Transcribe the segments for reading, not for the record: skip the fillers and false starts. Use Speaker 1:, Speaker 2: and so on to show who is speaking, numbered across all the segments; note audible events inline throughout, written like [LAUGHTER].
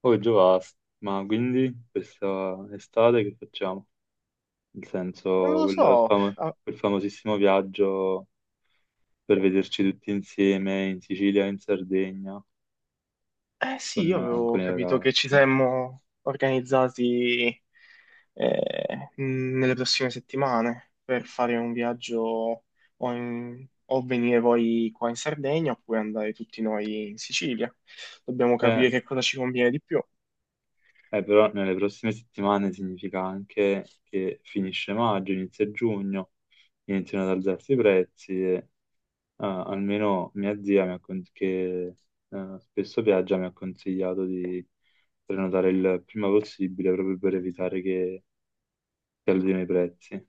Speaker 1: Poi già basta. Ma quindi questa estate che facciamo? Nel
Speaker 2: Non
Speaker 1: senso,
Speaker 2: lo so. Ah,
Speaker 1: quel famosissimo viaggio per vederci tutti insieme in Sicilia, in Sardegna,
Speaker 2: eh sì,
Speaker 1: con,
Speaker 2: io avevo
Speaker 1: con i
Speaker 2: capito
Speaker 1: ragazzi.
Speaker 2: che ci saremmo organizzati, nelle prossime settimane per fare un viaggio o venire voi qua in Sardegna oppure andare tutti noi in Sicilia. Dobbiamo
Speaker 1: Eh,
Speaker 2: capire che cosa ci conviene di più.
Speaker 1: Però nelle prossime settimane significa anche che finisce maggio, inizia giugno, iniziano ad alzarsi i prezzi. Ah, almeno mia zia, mi ha con- che spesso viaggia, mi ha consigliato di prenotare il prima possibile proprio per evitare che scaldino i prezzi.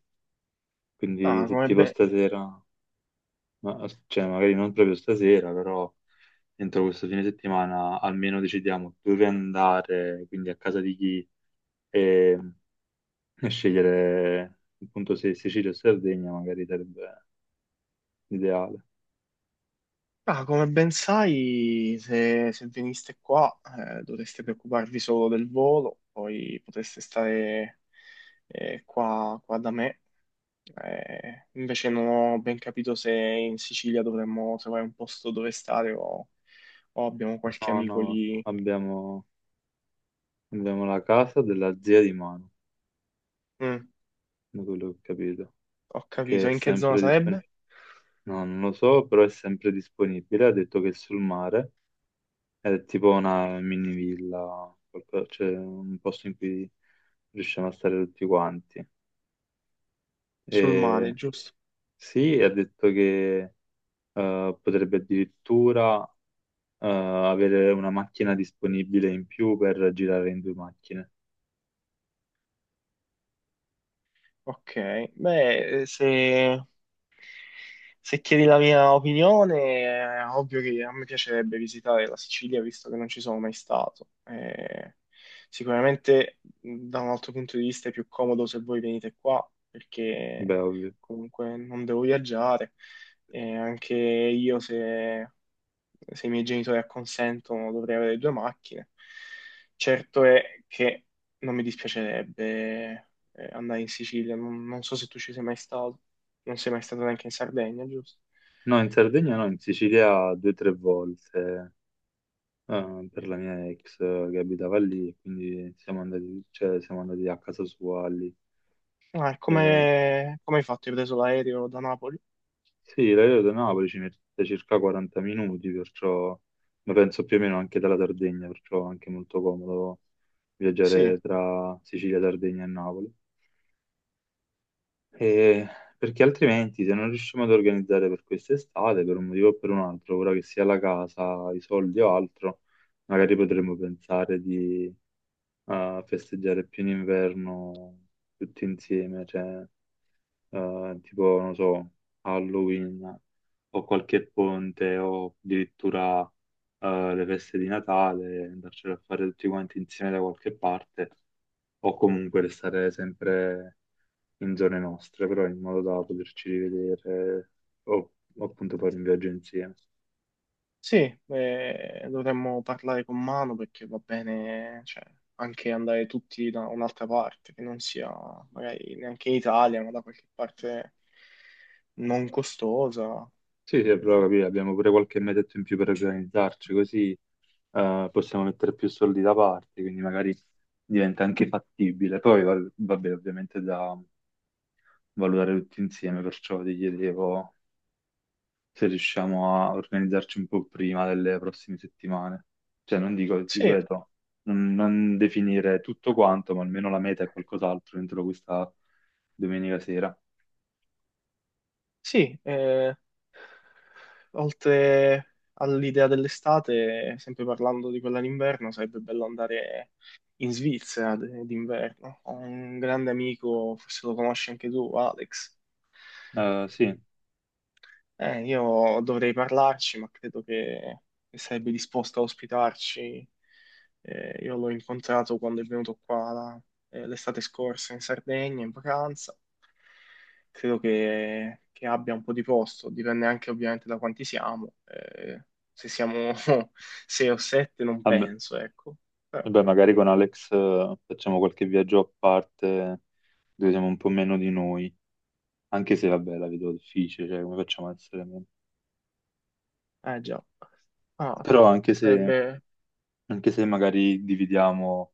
Speaker 1: Quindi
Speaker 2: Ah,
Speaker 1: se
Speaker 2: come,
Speaker 1: tipo
Speaker 2: be-
Speaker 1: stasera, cioè magari non proprio stasera, però entro questo fine settimana almeno decidiamo dove andare, quindi a casa di chi, e, e scegliere appunto se Sicilia o Sardegna magari sarebbe ideale.
Speaker 2: ah, come ben sai, se veniste qua, dovreste preoccuparvi solo del volo, poi potreste stare qua da me. Invece non ho ben capito se in Sicilia dovremmo trovare un posto dove stare o abbiamo qualche
Speaker 1: No,
Speaker 2: amico
Speaker 1: no,
Speaker 2: lì.
Speaker 1: abbiamo... Abbiamo la casa della zia di mano,
Speaker 2: Mm.
Speaker 1: da quello che ho capito,
Speaker 2: Ho
Speaker 1: che
Speaker 2: capito.
Speaker 1: è
Speaker 2: In che zona
Speaker 1: sempre
Speaker 2: sarebbe?
Speaker 1: disponibile. No, non lo so, però è sempre disponibile. Ha detto che è sul mare, è tipo una mini villa, cioè un posto in cui riusciamo a stare tutti quanti.
Speaker 2: Sul mare,
Speaker 1: E
Speaker 2: giusto?
Speaker 1: sì, ha detto che potrebbe addirittura avere una macchina disponibile in più per girare in due macchine.
Speaker 2: Ok, beh, se chiedi la mia opinione, è ovvio che a me piacerebbe visitare la Sicilia, visto che non ci sono mai stato. Sicuramente da un altro punto di vista è più comodo se voi venite qua, perché
Speaker 1: Beh, ovvio.
Speaker 2: comunque non devo viaggiare. E anche io se i miei genitori acconsentono, dovrei avere due macchine. Certo è che non mi dispiacerebbe andare in Sicilia, non so se tu ci sei mai stato, non sei mai stato neanche in Sardegna, giusto?
Speaker 1: No, in Sardegna no, in Sicilia due o tre volte per la mia ex che abitava lì, quindi siamo andati, cioè, siamo andati a casa sua lì.
Speaker 2: Ah, e
Speaker 1: E,
Speaker 2: come hai fatto? Hai preso l'aereo da Napoli?
Speaker 1: sì, l'aereo da Napoli ci mette circa 40 minuti, perciò, ma penso più o meno anche dalla Sardegna, perciò è anche molto comodo
Speaker 2: Sì,
Speaker 1: viaggiare tra Sicilia, Sardegna e Napoli. E- Perché altrimenti se non riusciamo ad organizzare per quest'estate, per un motivo o per un altro, ora che sia la casa, i soldi o altro, magari potremmo pensare di a festeggiare pieno inverno tutti insieme, cioè tipo, non so, Halloween o qualche ponte o addirittura le feste di Natale, andarcene a fare tutti quanti insieme da qualche parte o comunque restare sempre in zone nostre, però in modo da poterci rivedere o o appunto fare un viaggio insieme.
Speaker 2: sì, dovremmo parlare con mano perché va bene, cioè, anche andare tutti da un'altra parte, che non sia magari neanche in Italia, ma da qualche parte non costosa.
Speaker 1: Sì, sì, però
Speaker 2: Mm.
Speaker 1: capì, abbiamo pure qualche metetto in più per organizzarci, così possiamo mettere più soldi da parte, quindi magari diventa anche fattibile. Poi vabbè, ovviamente da valutare tutti insieme, perciò ti chiedevo se riusciamo a organizzarci un po' prima delle prossime settimane. Cioè, non dico,
Speaker 2: Sì,
Speaker 1: ripeto, non definire tutto quanto, ma almeno la meta è qualcos'altro entro questa domenica sera.
Speaker 2: sì, oltre all'idea dell'estate, sempre parlando di quella d'inverno, sarebbe bello andare in Svizzera d'inverno. Ho un grande amico, forse lo conosci anche tu, Alex.
Speaker 1: Sì,
Speaker 2: Io dovrei parlarci, ma credo che sarebbe disposto a ospitarci. Io l'ho incontrato quando è venuto qua l'estate scorsa in Sardegna, in vacanza. Credo che abbia un po' di posto, dipende anche ovviamente da quanti siamo. Se siamo [LAUGHS] sei o sette non
Speaker 1: vabbè,
Speaker 2: penso, ecco. Però,
Speaker 1: vabbè, magari con Alex facciamo qualche viaggio a parte dove siamo un po' meno di noi, anche se vabbè la vedo difficile, cioè come facciamo a essere meno?
Speaker 2: eh già. Ah,
Speaker 1: Però
Speaker 2: sarebbe...
Speaker 1: anche se magari dividiamo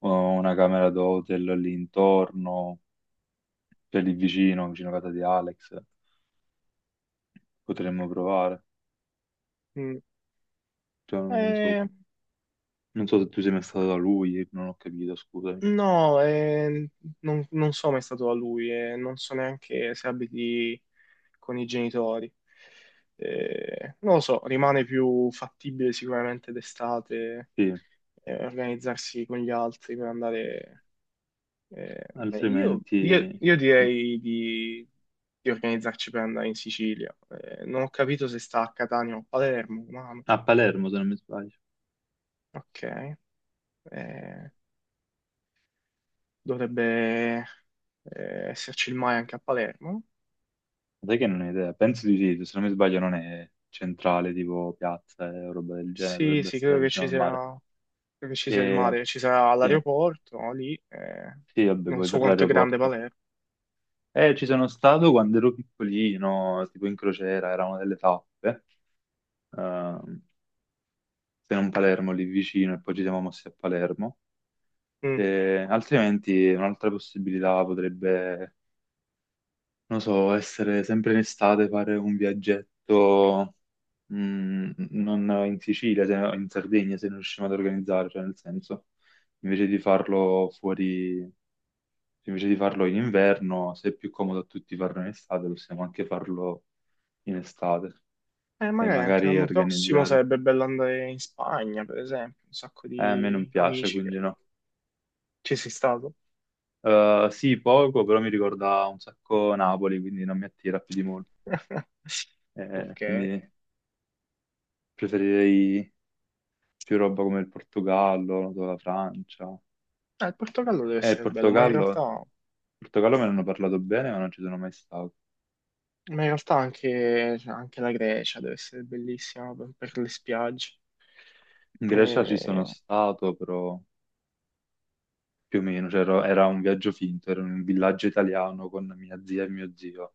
Speaker 1: una camera d'hotel lì intorno, cioè lì vicino, vicino a casa di Alex, potremmo provare.
Speaker 2: mm,
Speaker 1: Cioè, non so,
Speaker 2: eh,
Speaker 1: non so se tu sei mai stato da lui, non ho capito, scusami.
Speaker 2: No, non so mai stato da lui e non so neanche se abiti con i genitori. Non lo so, rimane più fattibile sicuramente d'estate
Speaker 1: Sì,
Speaker 2: organizzarsi con gli altri per andare. eh, eh, io, io-
Speaker 1: altrimenti
Speaker 2: io direi di organizzarci per andare in Sicilia. Non ho capito se sta a Catania o a Palermo, ma
Speaker 1: a Palermo se non mi sbaglio.
Speaker 2: ok. Eh, Dovrebbe esserci il mare anche a Palermo.
Speaker 1: Sai che non ho idea, penso di sì, se non mi sbaglio non è centrale, tipo piazza e roba del genere,
Speaker 2: Sì,
Speaker 1: dovrebbe
Speaker 2: sì,
Speaker 1: essere vicino al mare.
Speaker 2: credo che ci sia il
Speaker 1: E,
Speaker 2: mare, ci sarà
Speaker 1: sì,
Speaker 2: l'aeroporto no, lì,
Speaker 1: sì, vabbè,
Speaker 2: non
Speaker 1: poi
Speaker 2: so
Speaker 1: per
Speaker 2: quanto è grande
Speaker 1: l'aeroporto.
Speaker 2: Palermo.
Speaker 1: Ci sono stato quando ero piccolino, tipo in crociera, era una delle tappe, ehm, se non Palermo lì vicino, e poi ci siamo mossi a Palermo.
Speaker 2: Mm.
Speaker 1: E altrimenti un'altra possibilità potrebbe non so, essere sempre in estate, fare un viaggetto, non in Sicilia, no, in Sardegna, se non riusciamo ad organizzare, cioè nel senso, invece di farlo fuori, invece di farlo in inverno, se è più comodo a tutti farlo in estate, possiamo anche farlo in estate e
Speaker 2: Magari anche
Speaker 1: magari
Speaker 2: l'anno prossimo
Speaker 1: organizzare.
Speaker 2: sarebbe bello andare in Spagna, per esempio, un sacco
Speaker 1: A me non
Speaker 2: di
Speaker 1: piace,
Speaker 2: amici che
Speaker 1: quindi no.
Speaker 2: ci sei stato.
Speaker 1: Sì, poco, però mi ricorda un sacco Napoli, quindi non mi attira più di molto.
Speaker 2: [LAUGHS] Ok,
Speaker 1: Quindi preferirei più roba come il Portogallo, noto la Francia.
Speaker 2: il Portogallo deve
Speaker 1: Eh, il
Speaker 2: essere bello, ma in
Speaker 1: Portogallo,
Speaker 2: realtà,
Speaker 1: il Portogallo me ne hanno parlato bene, ma non ci sono mai stato.
Speaker 2: anche, cioè, anche la Grecia deve essere bellissima per le spiagge.
Speaker 1: In Grecia ci
Speaker 2: Eh,
Speaker 1: sono stato, però più o meno, cioè, era un viaggio finto, era in un villaggio italiano con mia zia e mio zio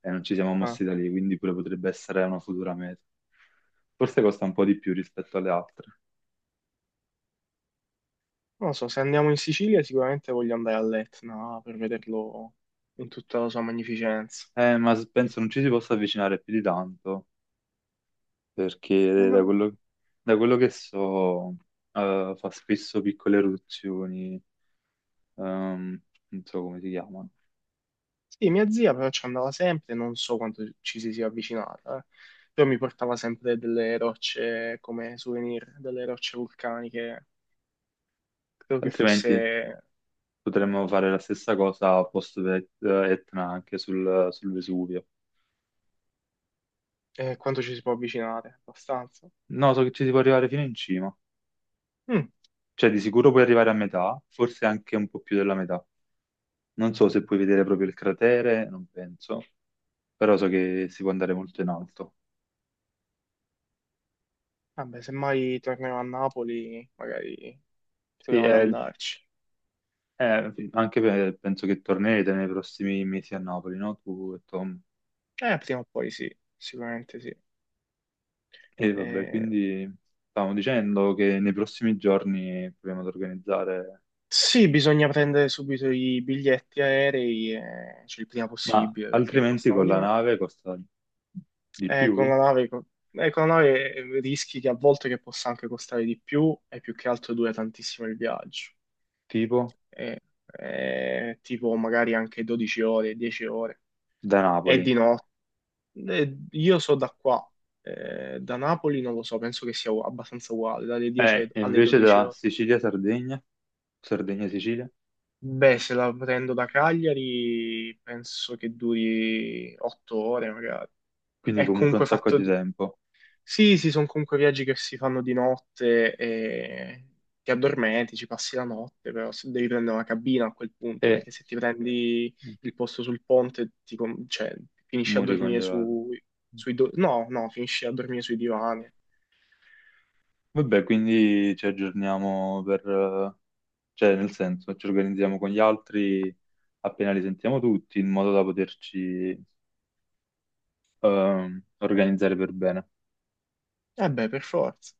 Speaker 1: e non ci siamo
Speaker 2: ah.
Speaker 1: mossi da lì, quindi pure potrebbe essere una futura meta. Forse costa un po' di più rispetto alle altre.
Speaker 2: Non lo so, se andiamo in Sicilia sicuramente voglio andare all'Etna per vederlo in tutta la sua magnificenza.
Speaker 1: Ma
Speaker 2: Eh,
Speaker 1: penso non ci si possa avvicinare più di tanto, perché
Speaker 2: no-
Speaker 1: da quello che so, fa spesso piccole eruzioni. Ehm, Non so come si chiamano.
Speaker 2: Sì, mia zia però ci andava sempre, non so quanto ci si sia avvicinata, eh. Però mi portava sempre delle rocce come souvenir, delle rocce vulcaniche. Credo che
Speaker 1: Altrimenti
Speaker 2: fosse
Speaker 1: potremmo fare la stessa cosa post Etna anche sul Vesuvio.
Speaker 2: Quanto ci si può avvicinare, abbastanza.
Speaker 1: No, so che ci si può arrivare fino in cima.
Speaker 2: Mm.
Speaker 1: Cioè, di sicuro puoi arrivare a metà, forse anche un po' più della metà. Non so se puoi vedere proprio il cratere, non penso, però so che si può andare molto in alto.
Speaker 2: Vabbè, se mai tornerò a Napoli, magari
Speaker 1: Sì,
Speaker 2: proviamo ad andarci.
Speaker 1: anche penso che tornerete nei prossimi mesi a Napoli, no? Tu e Tom.
Speaker 2: Prima o poi sì, sicuramente sì.
Speaker 1: E vabbè,
Speaker 2: Eh,
Speaker 1: quindi stavamo dicendo che nei prossimi giorni proviamo ad organizzare.
Speaker 2: Sì, bisogna prendere subito i biglietti aerei, cioè il prima
Speaker 1: Ma
Speaker 2: possibile, perché
Speaker 1: altrimenti
Speaker 2: costano
Speaker 1: con
Speaker 2: di
Speaker 1: la
Speaker 2: me.
Speaker 1: nave costa di
Speaker 2: Eh, con
Speaker 1: più?
Speaker 2: la nave, co- con la nave, rischi che a volte che possa anche costare di più e più che altro dura tantissimo il viaggio.
Speaker 1: Tipo
Speaker 2: Eh, tipo magari anche 12 ore, 10 ore.
Speaker 1: da
Speaker 2: E
Speaker 1: Napoli.
Speaker 2: di notte. Io so da qua, da Napoli non lo so, penso che sia abbastanza uguale, dalle 10
Speaker 1: E
Speaker 2: alle
Speaker 1: invece
Speaker 2: 12
Speaker 1: da
Speaker 2: ore.
Speaker 1: Sicilia-Sardegna, Sardegna-Sicilia,
Speaker 2: Beh, se la prendo da Cagliari penso che duri 8 ore magari.
Speaker 1: quindi
Speaker 2: È
Speaker 1: comunque un
Speaker 2: comunque
Speaker 1: sacco
Speaker 2: fatto...
Speaker 1: di
Speaker 2: di-
Speaker 1: tempo.
Speaker 2: Sì, sì, sono comunque viaggi che si fanno di notte e ti addormenti, ci passi la notte, però se devi prendere una cabina a quel punto,
Speaker 1: E
Speaker 2: perché se ti prendi il posto sul ponte, cioè, finisci a
Speaker 1: muri
Speaker 2: dormire
Speaker 1: congelato.
Speaker 2: no, no, finisci a dormire sui divani.
Speaker 1: Vabbè, quindi ci aggiorniamo per... cioè nel senso, ci organizziamo con gli altri appena li sentiamo tutti, in modo da poterci organizzare per bene.
Speaker 2: Eh beh, per forza.